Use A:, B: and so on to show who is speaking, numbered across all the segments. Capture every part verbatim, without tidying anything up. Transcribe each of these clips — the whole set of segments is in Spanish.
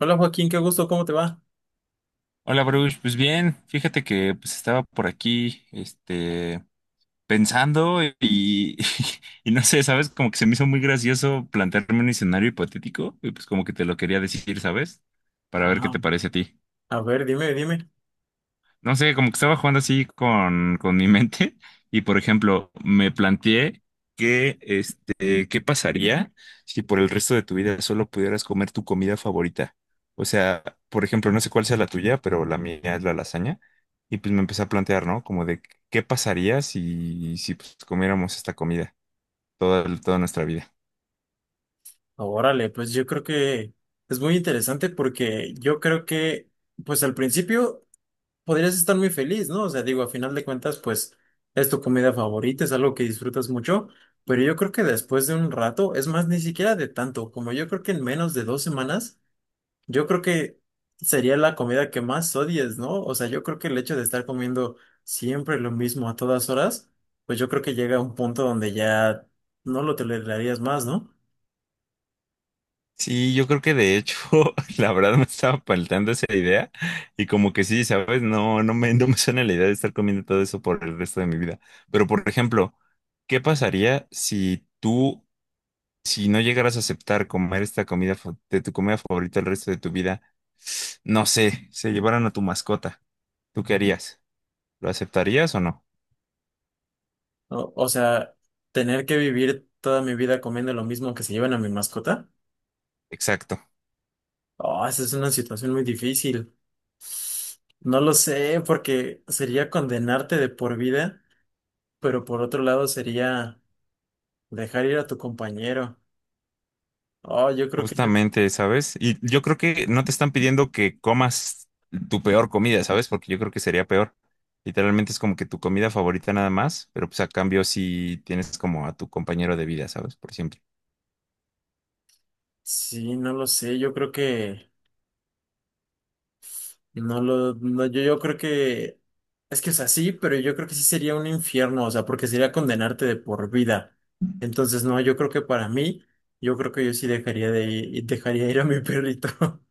A: Hola, Joaquín, qué gusto, ¿cómo te va?
B: Hola, Bruce. Pues bien, fíjate que pues estaba por aquí, este, pensando y, y no sé, ¿sabes? Como que se me hizo muy gracioso plantearme un escenario hipotético y pues como que te lo quería decir, ¿sabes? Para ver qué
A: Ah,
B: te parece a ti.
A: a ver, dime, dime.
B: No sé, como que estaba jugando así con, con mi mente y, por ejemplo, me planteé que, este, ¿qué pasaría si por el resto de tu vida solo pudieras comer tu comida favorita? O sea, por ejemplo, no sé cuál sea la tuya, pero la mía es la lasaña. Y pues me empecé a plantear, ¿no? Como de, ¿qué pasaría si, si pues, comiéramos esta comida toda, toda nuestra vida?
A: Órale, pues yo creo que es muy interesante porque yo creo que, pues al principio podrías estar muy feliz, ¿no? O sea, digo, a final de cuentas, pues es tu comida favorita, es algo que disfrutas mucho, pero yo creo que después de un rato, es más, ni siquiera de tanto, como yo creo que en menos de dos semanas. Yo creo que sería la comida que más odies, ¿no? O sea, yo creo que el hecho de estar comiendo siempre lo mismo a todas horas, pues yo creo que llega a un punto donde ya no lo tolerarías más, ¿no?
B: Sí, yo creo que de hecho, la verdad me estaba faltando esa idea y como que sí, ¿sabes? No, no me, no me suena la idea de estar comiendo todo eso por el resto de mi vida. Pero, por ejemplo, ¿qué pasaría si tú, si no llegaras a aceptar comer esta comida fa- de tu comida favorita el resto de tu vida? No sé, se llevaran a tu mascota. ¿Tú qué harías? ¿Lo aceptarías o no?
A: O, o sea, tener que vivir toda mi vida comiendo lo mismo que se llevan a mi mascota.
B: Exacto.
A: Oh, esa es una situación muy difícil. No lo sé, porque sería condenarte de por vida, pero por otro lado sería dejar ir a tu compañero. Oh, yo creo que no,
B: Justamente, ¿sabes? Y yo creo que no te están pidiendo que comas tu peor comida, ¿sabes? Porque yo creo que sería peor. Literalmente es como que tu comida favorita nada más, pero pues a cambio sí tienes como a tu compañero de vida, ¿sabes? Por siempre.
A: sí, no lo sé, yo creo que No lo, no, yo, yo creo que es que o sea, sí, pero yo creo que sí sería un infierno, o sea, porque sería condenarte de por vida. Entonces, no, yo creo que para mí, yo creo que yo sí dejaría de ir, dejaría ir a mi perrito.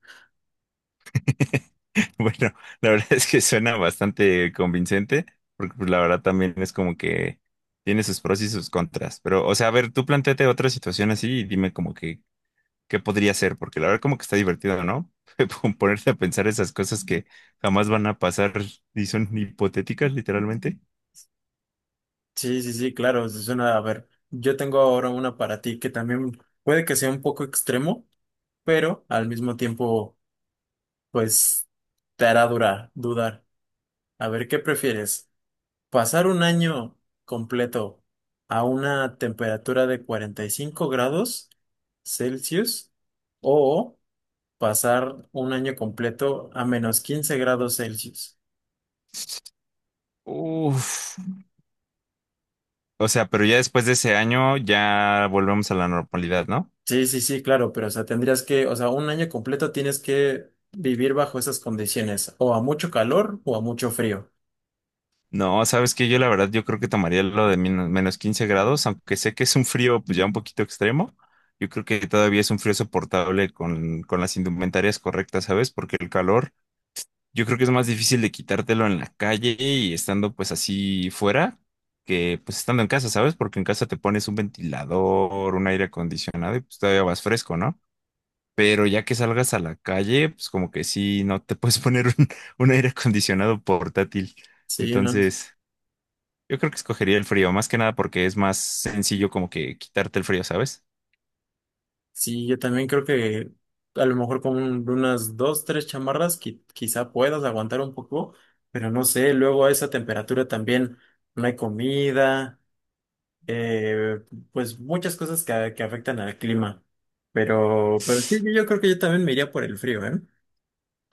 B: Bueno, la verdad es que suena bastante convincente, porque pues, la verdad también es como que tiene sus pros y sus contras. Pero, o sea, a ver, tú planteate otra situación así y dime como que qué podría ser, porque la verdad como que está divertido, ¿no? Ponerte a pensar esas cosas que jamás van a pasar y son hipotéticas, literalmente.
A: Sí, sí, sí, claro, eso suena. A ver, yo tengo ahora una para ti que también puede que sea un poco extremo, pero al mismo tiempo, pues, te hará durar, dudar. A ver, ¿qué prefieres? Pasar un año completo a una temperatura de cuarenta y cinco grados Celsius o pasar un año completo a menos quince grados Celsius.
B: Uf. O sea, pero ya después de ese año ya volvemos a la normalidad, ¿no?
A: Sí, sí, sí, claro, pero o sea, tendrías que, o sea, un año completo tienes que vivir bajo esas condiciones, o a mucho calor o a mucho frío.
B: No, sabes que yo la verdad yo creo que tomaría lo de min- menos quince grados, aunque sé que es un frío pues ya un poquito extremo. Yo creo que todavía es un frío soportable con, con las indumentarias correctas, ¿sabes? Porque el calor, yo creo que es más difícil de quitártelo en la calle y estando pues así fuera que pues estando en casa, ¿sabes? Porque en casa te pones un ventilador, un aire acondicionado y pues todavía vas fresco, ¿no? Pero ya que salgas a la calle, pues como que sí, no te puedes poner un, un aire acondicionado portátil.
A: Sí, ¿no?
B: Entonces, yo creo que escogería el frío, más que nada porque es más sencillo como que quitarte el frío, ¿sabes?
A: Sí, yo también creo que a lo mejor con un- unas dos, tres chamarras qui- quizá puedas aguantar un poco, pero no sé, luego a esa temperatura también no hay comida, eh, pues muchas cosas que, que afectan al clima. Pero, pero sí, yo creo que yo también me iría por el frío, ¿eh?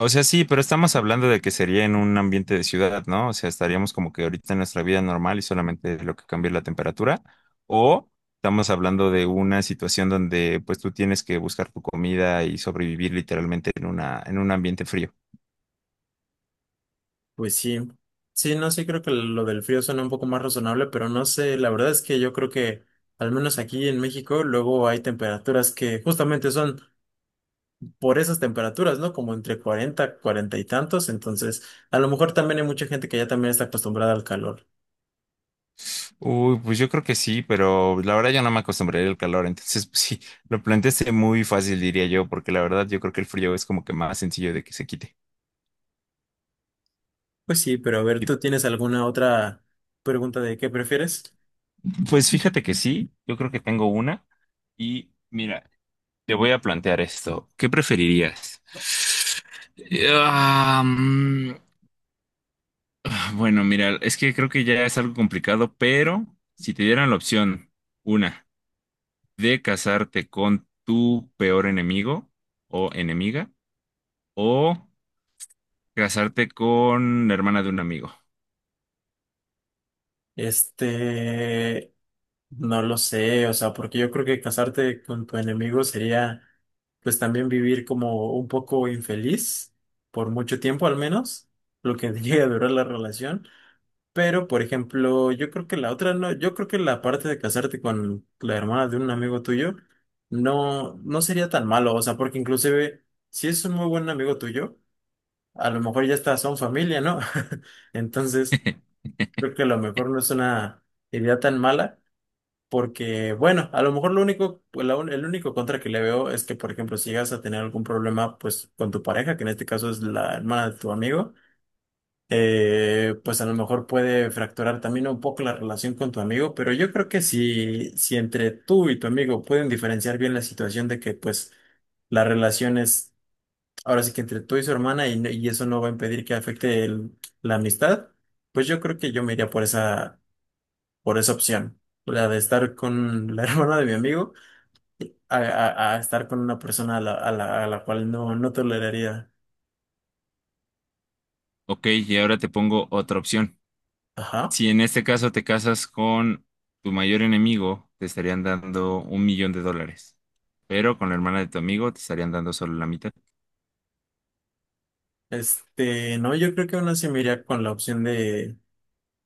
B: O sea, sí, pero estamos hablando de que sería en un ambiente de ciudad, ¿no? O sea, estaríamos como que ahorita en nuestra vida normal y solamente lo que cambia es la temperatura. O estamos hablando de una situación donde pues tú tienes que buscar tu comida y sobrevivir literalmente en una, en un ambiente frío.
A: Pues sí, sí, no, sí creo que lo del frío suena un poco más razonable, pero no sé, la verdad es que yo creo que al menos aquí en México luego hay temperaturas que justamente son por esas temperaturas, ¿no? Como entre cuarenta, cuarenta y tantos. Entonces, a lo mejor también hay mucha gente que ya también está acostumbrada al calor.
B: Uy, pues yo creo que sí, pero la verdad yo no me acostumbraría al calor, entonces pues sí, lo planteaste muy fácil, diría yo, porque la verdad yo creo que el frío es como que más sencillo de que se quite.
A: Pues sí, pero a ver,
B: Y,
A: ¿tú tienes alguna otra pregunta de qué prefieres?
B: pues fíjate que sí, yo creo que tengo una y mira. Te voy a plantear esto. ¿Qué preferirías? Ah, mm, bueno, mira, es que creo que ya es algo complicado, pero si te dieran la opción, una, de casarte con tu peor enemigo o enemiga, o casarte con la hermana de un amigo.
A: Este, no lo sé, o sea, porque yo creo que casarte con tu enemigo sería, pues también vivir como un poco infeliz, por mucho tiempo al menos, lo que llega a durar la relación. Pero, por ejemplo, yo creo que la otra no, yo creo que la parte de casarte con la hermana de un amigo tuyo no, no sería tan malo, o sea, porque inclusive si es un muy buen amigo tuyo, a lo mejor ya está, son familia, ¿no? Entonces, creo que a lo mejor no es una idea tan mala, porque, bueno, a lo mejor lo único, pues, la un- el único contra que le veo es que, por ejemplo, si llegas a tener algún problema, pues, con tu pareja, que en este caso es la hermana de tu amigo, eh, pues a lo mejor puede fracturar también un poco la relación con tu amigo, pero yo creo que si, si entre tú y tu amigo pueden diferenciar bien la situación de que pues la relación es ahora sí que entre tú y su hermana y, no- y eso no va a impedir que afecte el- la amistad, pues yo creo que yo me iría por esa, por esa opción, la de estar con la hermana de mi amigo a, a- a estar con una persona a la, a la, a la cual no, no toleraría.
B: Ok, y ahora te pongo otra opción.
A: Ajá.
B: Si en este caso te casas con tu mayor enemigo, te estarían dando un millón de dólares, pero con la hermana de tu amigo te estarían dando solo la mitad.
A: Este, no, yo creo que aún así me iría con la opción de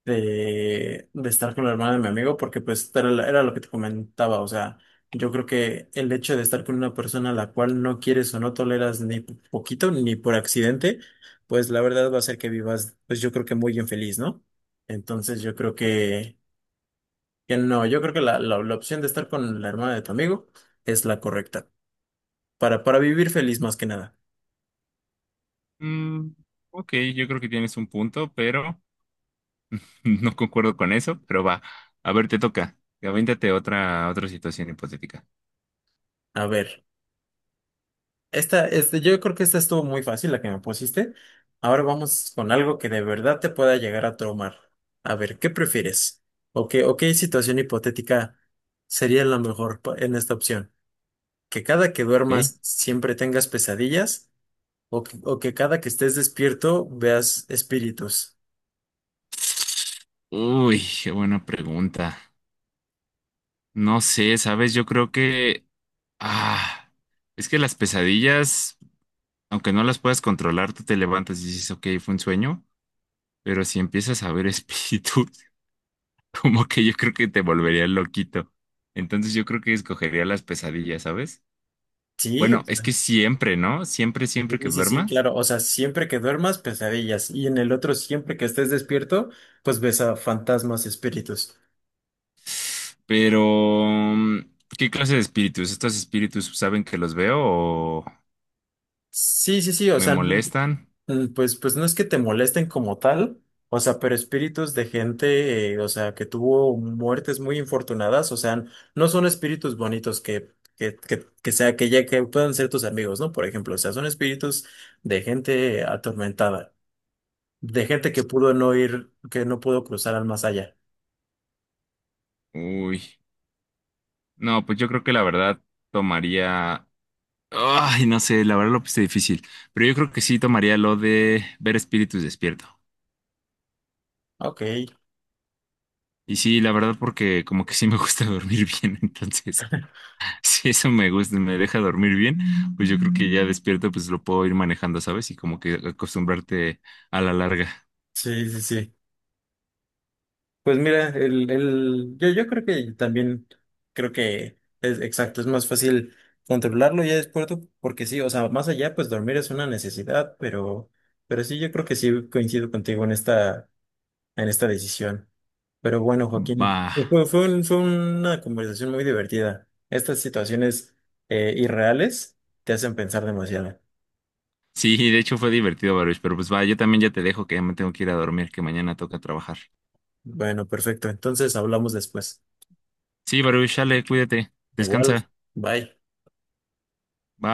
A: de, de estar con la hermana de mi amigo, porque pues era, la- era lo que te comentaba, o sea, yo creo que el hecho de estar con una persona a la cual no quieres o no toleras ni po- poquito, ni por accidente, pues la verdad va a ser que vivas, pues yo creo que muy infeliz, ¿no? Entonces yo creo que, que no, yo creo que la, la, la opción de estar con la hermana de tu amigo es la correcta, para, para vivir feliz más que nada.
B: Mm, ok, yo creo que tienes un punto, pero no concuerdo con eso, pero va. A ver, te toca. Avéntate otra, otra situación hipotética,
A: A ver. Esta, este, yo creo que esta estuvo muy fácil, la que me pusiste. Ahora vamos con algo que de verdad te pueda llegar a traumar. A ver, ¿qué prefieres? ¿O qué, o qué situación hipotética sería la mejor pa- en esta opción? ¿Que cada que
B: ¿ok?
A: duermas siempre tengas pesadillas? ¿O que, o que cada que estés despierto veas espíritus?
B: Uy, qué buena pregunta. No sé, sabes, yo creo que... Ah, es que las pesadillas, aunque no las puedas controlar, tú te levantas y dices, ok, fue un sueño. Pero si empiezas a ver espíritus, como que yo creo que te volvería loquito. Entonces yo creo que escogería las pesadillas, ¿sabes?
A: Sí, o
B: Bueno, es
A: sea,
B: que siempre, ¿no? Siempre, siempre que
A: sí, sí, sí,
B: duermas.
A: claro. O sea, siempre que duermas, pesadillas. Y en el otro, siempre que estés despierto, pues ves a fantasmas, espíritus.
B: Pero, mm, ¿qué clase de espíritus? ¿Estos espíritus saben que los veo o
A: Sí, sí, sí, o
B: me
A: sea, no-
B: molestan?
A: mm, pues, pues no es que te molesten como tal, o sea, pero espíritus de gente, eh, o sea, que tuvo muertes muy infortunadas, o sea, no son espíritus bonitos que, que, que, que sea, que ya que puedan ser tus amigos, ¿no? Por ejemplo, o sea, son espíritus de gente atormentada, de gente que pudo no ir, que no pudo cruzar al más allá.
B: Uy, no, pues yo creo que la verdad tomaría... Ay, no sé, la verdad lo puse difícil. Pero yo creo que sí tomaría lo de ver espíritus despierto.
A: Ok,
B: Y sí, la verdad, porque como que sí me gusta dormir bien, entonces, si eso me gusta, me deja dormir bien, pues yo creo que ya despierto, pues lo puedo ir manejando, ¿sabes? Y como que acostumbrarte a la larga.
A: sí, sí, sí. Pues mira, el, el, yo, yo creo que también, creo que es exacto, es más fácil controlarlo ya después, tú, porque sí, o sea, más allá, pues dormir es una necesidad, pero, pero sí, yo creo que sí coincido contigo en esta, en esta decisión. Pero bueno, Joaquín,
B: Va.
A: pues fue, fue un- fue una conversación muy divertida. Estas situaciones eh, irreales te hacen pensar demasiado.
B: Sí, de hecho fue divertido, Baruch, pero pues va, yo también ya te dejo que ya me tengo que ir a dormir, que mañana toca trabajar.
A: Bueno, perfecto, entonces hablamos después.
B: Sí, Baruch, sale, cuídate,
A: Igual,
B: descansa.
A: bye.
B: Bye.